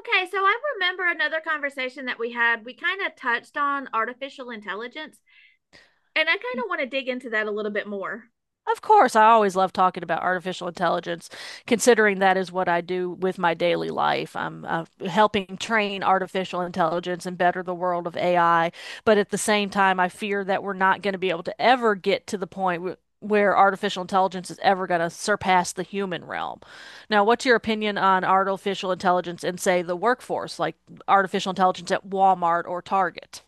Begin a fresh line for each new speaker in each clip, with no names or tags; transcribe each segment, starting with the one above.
Okay, so I remember another conversation that we had. We kind of touched on artificial intelligence, and I kind
Y-
of want to dig into that a little bit more.
Of course, I always love talking about artificial intelligence, considering that is what I do with my daily life. I'm helping train artificial intelligence and better the world of AI. But at the same time, I fear that we're not going to be able to ever get to the point w where artificial intelligence is ever going to surpass the human realm. Now, what's your opinion on artificial intelligence in, say, the workforce, like artificial intelligence at Walmart or Target?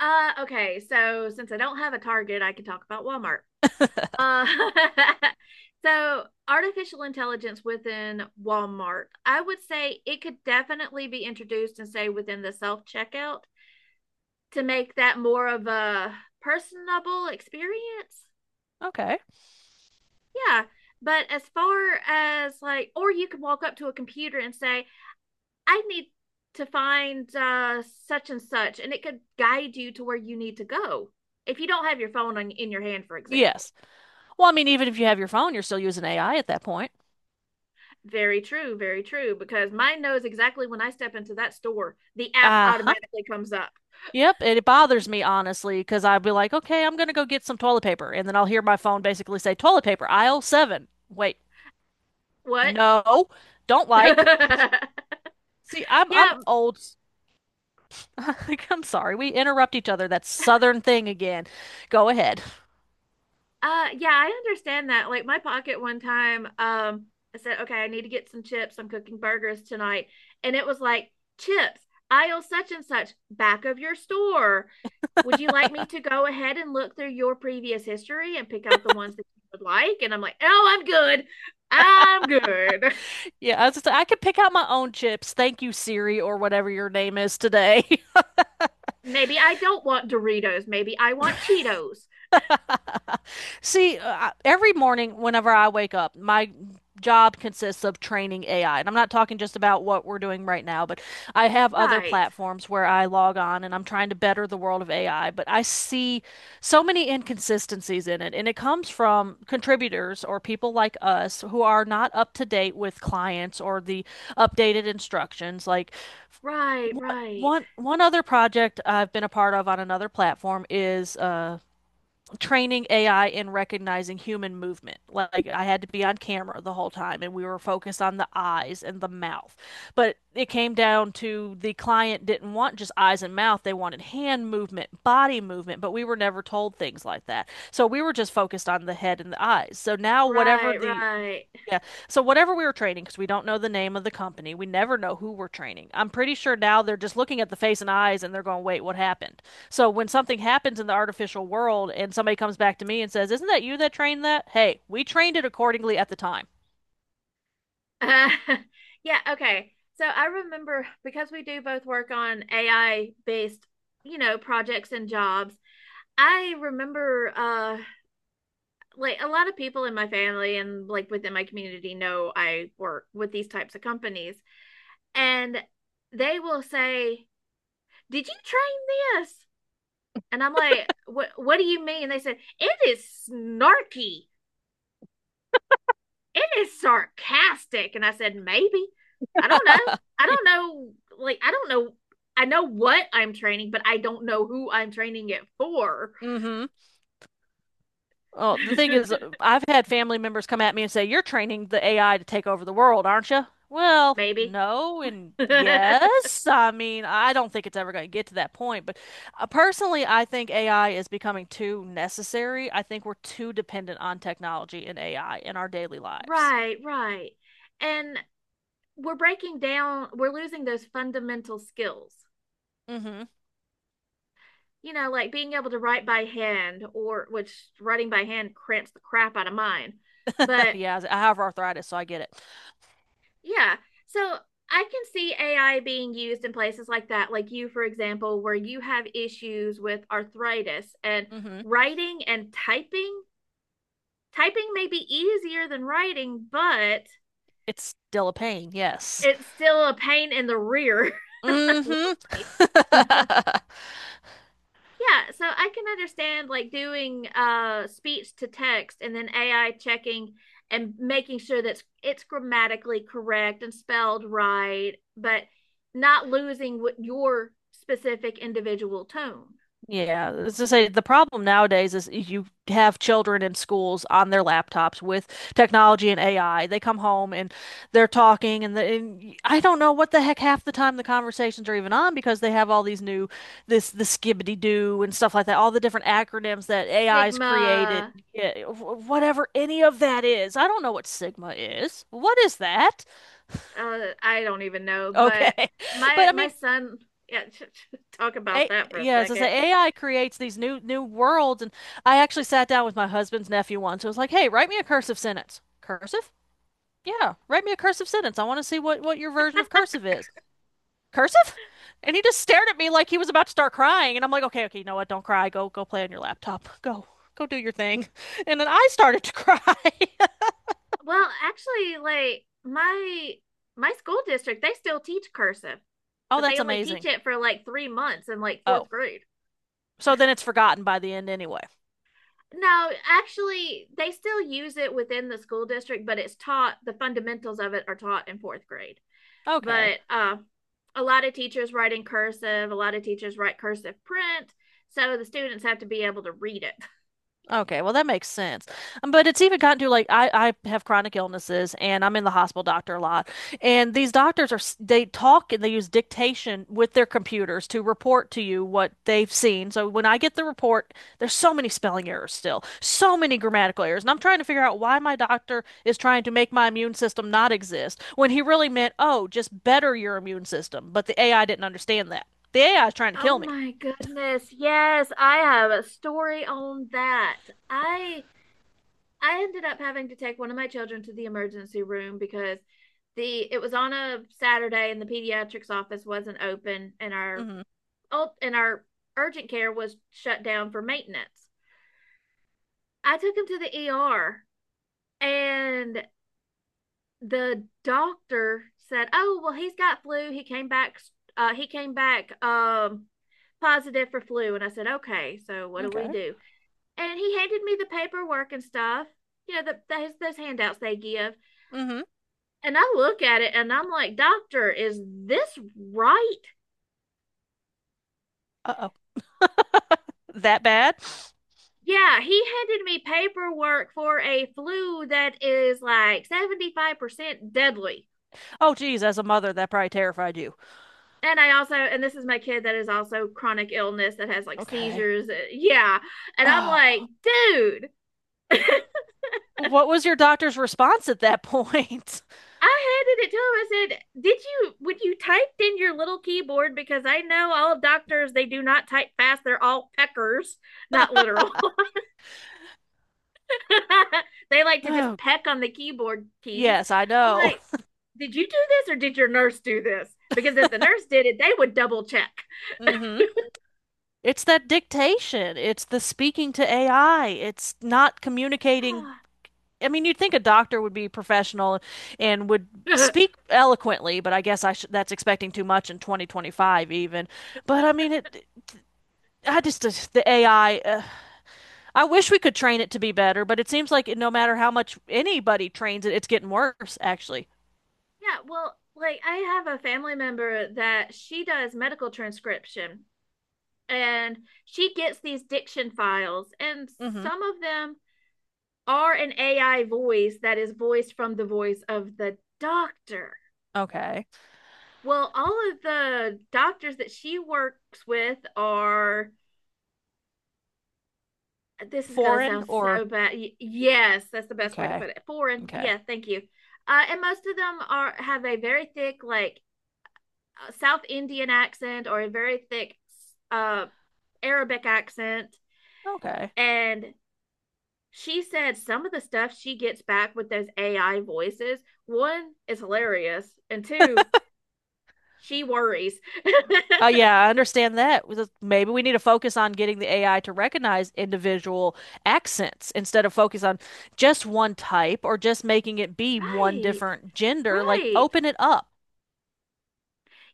Okay, so since I don't have a target, I can talk about Walmart. Uh, so artificial intelligence within Walmart, I would say it could definitely be introduced and say within the self checkout to make that more of a personable experience.
Okay.
Yeah, but as far as like, or you could walk up to a computer and say, I need to find such and such, and it could guide you to where you need to go if you don't have your phone on, in your hand, for example.
Yes. Well, I mean, even if you have your phone, you're still using AI at that point.
Very true, because mine knows exactly when I step into that store, the app
Uh-huh.
automatically comes up.
Yep. And it bothers me, honestly, because I'd be like, okay, I'm going to go get some toilet paper. And then I'll hear my phone basically say, toilet paper, aisle seven. Wait,
What?
no, don't like. See, I'm
yeah,
I'm old. I'm sorry. We interrupt each other. That southern thing again. Go ahead.
Yeah, I understand that. Like my pocket one time, I said, okay, I need to get some chips. I'm cooking burgers tonight. And it was like, chips, aisle such and such, back of your store. Would you like me to go ahead and look through your previous history and pick out the ones that you would like? And I'm like, oh, I'm good. I'm good.
Yeah, I was just, I could pick out my own chips. Thank you, Siri, or whatever your name is today.
Maybe I don't want Doritos. Maybe I want Cheetos.
See, every morning whenever I wake up, my job consists of training AI. And I'm not talking just about what we're doing right now, but I have other
Right,
platforms where I log on and I'm trying to better the world of AI. But I see so many inconsistencies in it. And it comes from contributors or people like us who are not up to date with clients or the updated instructions. Like,
right,
one,
right,
one other project I've been a part of on another platform is training AI in recognizing human movement. Like I had to be on camera the whole time and we were focused on the eyes and the mouth. But it came down to the client didn't want just eyes and mouth, they wanted hand movement, body movement, but we were never told things like that. So we were just focused on the head and the eyes. So now whatever
right,
the
right.
Yeah. So whatever we were training, because we don't know the name of the company, we never know who we're training. I'm pretty sure now they're just looking at the face and eyes and they're going, wait, what happened? So when something happens in the artificial world and somebody comes back to me and says, isn't that you that trained that? Hey, we trained it accordingly at the time.
Uh, yeah, okay. So I remember because we do both work on AI based, you know, projects and jobs. I remember like a lot of people in my family and like within my community know I work with these types of companies and they will say, "Did you train this?" And I'm like, "What do you mean?" And they said, "It is snarky." It is sarcastic. And I said, maybe. I don't know. I don't know. Like, I don't know. I know what I'm training, but I don't know who I'm training it for.
Mm-hmm. Well, the thing is, I've had family members come at me and say, you're training the AI to take over the world, aren't you? Well,
Maybe.
no, and
right,
yes. I mean, I don't think it's ever going to get to that point, but personally, I think AI is becoming too necessary. I think we're too dependent on technology and AI in our daily lives.
right. And we're breaking down, we're losing those fundamental skills.
Hmm.
You know, like being able to write by hand, or which writing by hand cramps the crap out of mine. But
Yeah, I have arthritis, so I get it.
yeah. So I can see AI being used in places like that, like you, for example, where you have issues with arthritis and
Hmm.
writing and typing. Typing may be easier than writing, but
It's still a pain, yes.
it's still a pain in the rear,
Hmm.
literally. Yeah, so I can understand like doing speech to text and then AI checking and making sure that it's grammatically correct and spelled right, but not losing what your specific individual tone.
Yeah, as I say, the problem nowadays is you have children in schools on their laptops with technology and AI. They come home and they're talking, and, the, and y- I don't know what the heck half the time the conversations are even on because they have all these new this the skibbity doo and stuff like that, all the different acronyms that AI's created,
Sigma,
yeah, whatever any of that is. I don't know what Sigma is. What is that?
I don't even know, but
Okay, but
my
I
my
mean.
son, yeah, talk about
A
that for a
Yeah, as I
second.
say, AI creates these new worlds, and I actually sat down with my husband's nephew once. I was like, "Hey, write me a cursive sentence." Cursive? Yeah, write me a cursive sentence. I want to see what your version of cursive is. Cursive? And he just stared at me like he was about to start crying, and I'm like, "Okay, okay, you know what? Don't cry. Go play on your laptop. Go do your thing." And then I started to cry.
Well, actually, like my school district, they still teach cursive
Oh,
but
that's
they only teach
amazing.
it for like 3 months in like
Oh,
fourth grade.
so then it's forgotten by the end anyway.
No, actually, they still use it within the school district, but it's taught, the fundamentals of it are taught in fourth grade.
Okay.
But A lot of teachers write in cursive, a lot of teachers write cursive print. So the students have to be able to read it.
Okay, well that makes sense. But it's even gotten to like I have chronic illnesses and I'm in the hospital doctor a lot. And these doctors are they talk and they use dictation with their computers to report to you what they've seen. So when I get the report, there's so many spelling errors still, so many grammatical errors. And I'm trying to figure out why my doctor is trying to make my immune system not exist when he really meant, "Oh, just better your immune system." But the AI didn't understand that. The AI is trying to
Oh
kill me.
my goodness. Yes, I have a story on that. I I ended up having to take one of my children to the emergency room because the it was on a Saturday and the pediatrics office wasn't open and our
Mhm.
and our urgent care was shut down for maintenance. I took him to the ER and the doctor said, "Oh, well he's got flu. He came back positive for flu." And I said, "Okay, so what do we
Okay.
do?" And he handed me the paperwork and stuff. You know, those handouts they give.
Mhm.
And I look at it and I'm like, Doctor, is this right?
Uh-oh. That bad?
Yeah, he handed me paperwork for a flu that is like 75% deadly.
Oh, geez, as a mother, that probably terrified you.
And I also, and this is my kid that is also chronic illness that has like
Okay.
seizures. Yeah. And I'm
Oh,
like, dude, I
what was your doctor's response at that point?
handed it to him. I said, did you, when you typed in your little keyboard, because I know all doctors, they do not type fast, they're all peckers, not literal. They like to just
Oh,
peck on the keyboard keys.
yes, I
I'm
know.
like, did you do this or did your nurse do this? Because if the nurse did it, they would double check.
Mm-hmm. It's that dictation. It's the speaking to AI. It's not communicating. I mean, you'd think a doctor would be professional and would
Yeah,
speak eloquently, but I guess I sh that's expecting too much in 2025 even. But I mean, it I just the AI uh, I wish we could train it to be better, but it seems like no matter how much anybody trains it, it's getting worse, actually.
well, like I have a family member that she does medical transcription and she gets these diction files, and
Mm-hmm.
some of them are an AI voice that is voiced from the voice of the doctor.
Okay.
Well, all of the doctors that she works with are this is going to
Foreign
sound
or
so bad. Yes, that's the best way to
okay.
put it. Foreign.
Okay.
Yeah, thank you. And most of them are have a very thick, like South Indian accent or a very thick uh, Arabic accent.
Okay.
And she said some of the stuff she gets back with those AI voices. One is hilarious, and two, she worries.
Yeah, I understand that. With- Maybe we need to focus on getting the AI to recognize individual accents instead of focus on just one type or just making it be one
Right,
different gender. Like,
right.
open it up.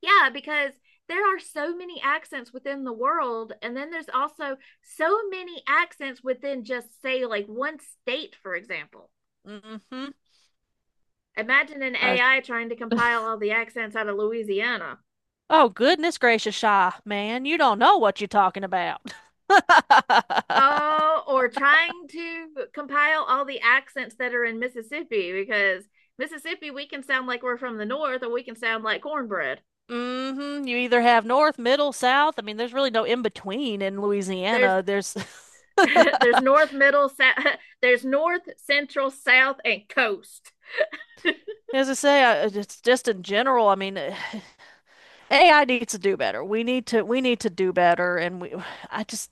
Yeah, because there are so many accents within the world. And then there's also so many accents within just, say, like one state, for example.
Mm-hmm.
Imagine an
Uh,
AI trying to compile all the accents out of Louisiana.
oh, goodness gracious, Shy, man, you don't know what you're talking about.
Oh, or trying to compile all the accents that are in Mississippi because Mississippi, we can sound like we're from the north or we can sound like cornbread.
Hmm. You either have north, middle, south. I mean, there's really no in between in
There's
Louisiana.
there's north, middle, south, there's north, central, south, and coast.
As I say, it's just in general. I mean, AI needs to do better. We need to do better, and we. I just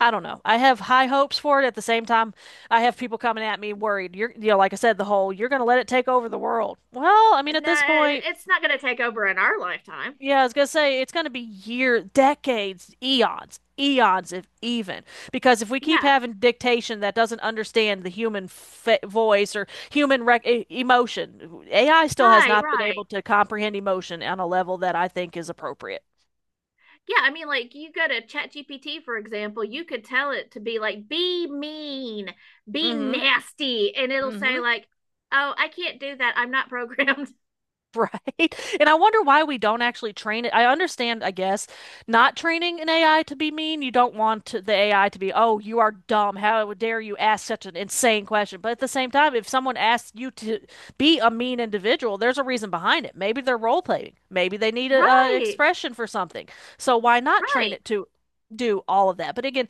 I don't know. I have high hopes for it. At the same time, I have people coming at me worried. Like I said, the whole you're going to let it take over the world. Well, I mean, at this
No,
point.
it's not going to take over in our lifetime.
Yeah, I was gonna say it's gonna be year, decades, eons, eons if even. Because if we keep
Yeah,
having dictation that doesn't understand the human fa voice or human rec e emotion, AI still has
right,
not been able
right.
to comprehend emotion on a level that I think is appropriate.
Yeah, I mean, like you go to ChatGPT, for example, you could tell it to be like, be mean, be
Mm-hmm.
nasty, and it'll say,
Mm-hmm.
like, oh, I can't do that. I'm not programmed.
Right. And I wonder why we don't actually train it. I understand, I guess, not training an AI to be mean. You don't want the AI to be, oh, you are dumb. How dare you ask such an insane question? But at the same time, if someone asks you to be a mean individual, there's a reason behind it. Maybe they're role playing. Maybe they need a,
Right,
expression for something. So why not train
right.
it to do all of that? But again,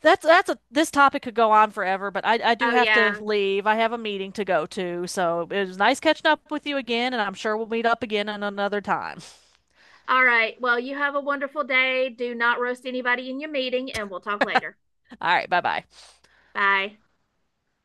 that's a this topic could go on forever, but I do
Oh,
have to
yeah.
leave. I have a meeting to go to, so it was nice catching up with you again, and I'm sure we'll meet up again in another time.
All right. Well, you have a wonderful day. Do not roast anybody in your meeting, and we'll talk later.
All right, bye bye.
Bye.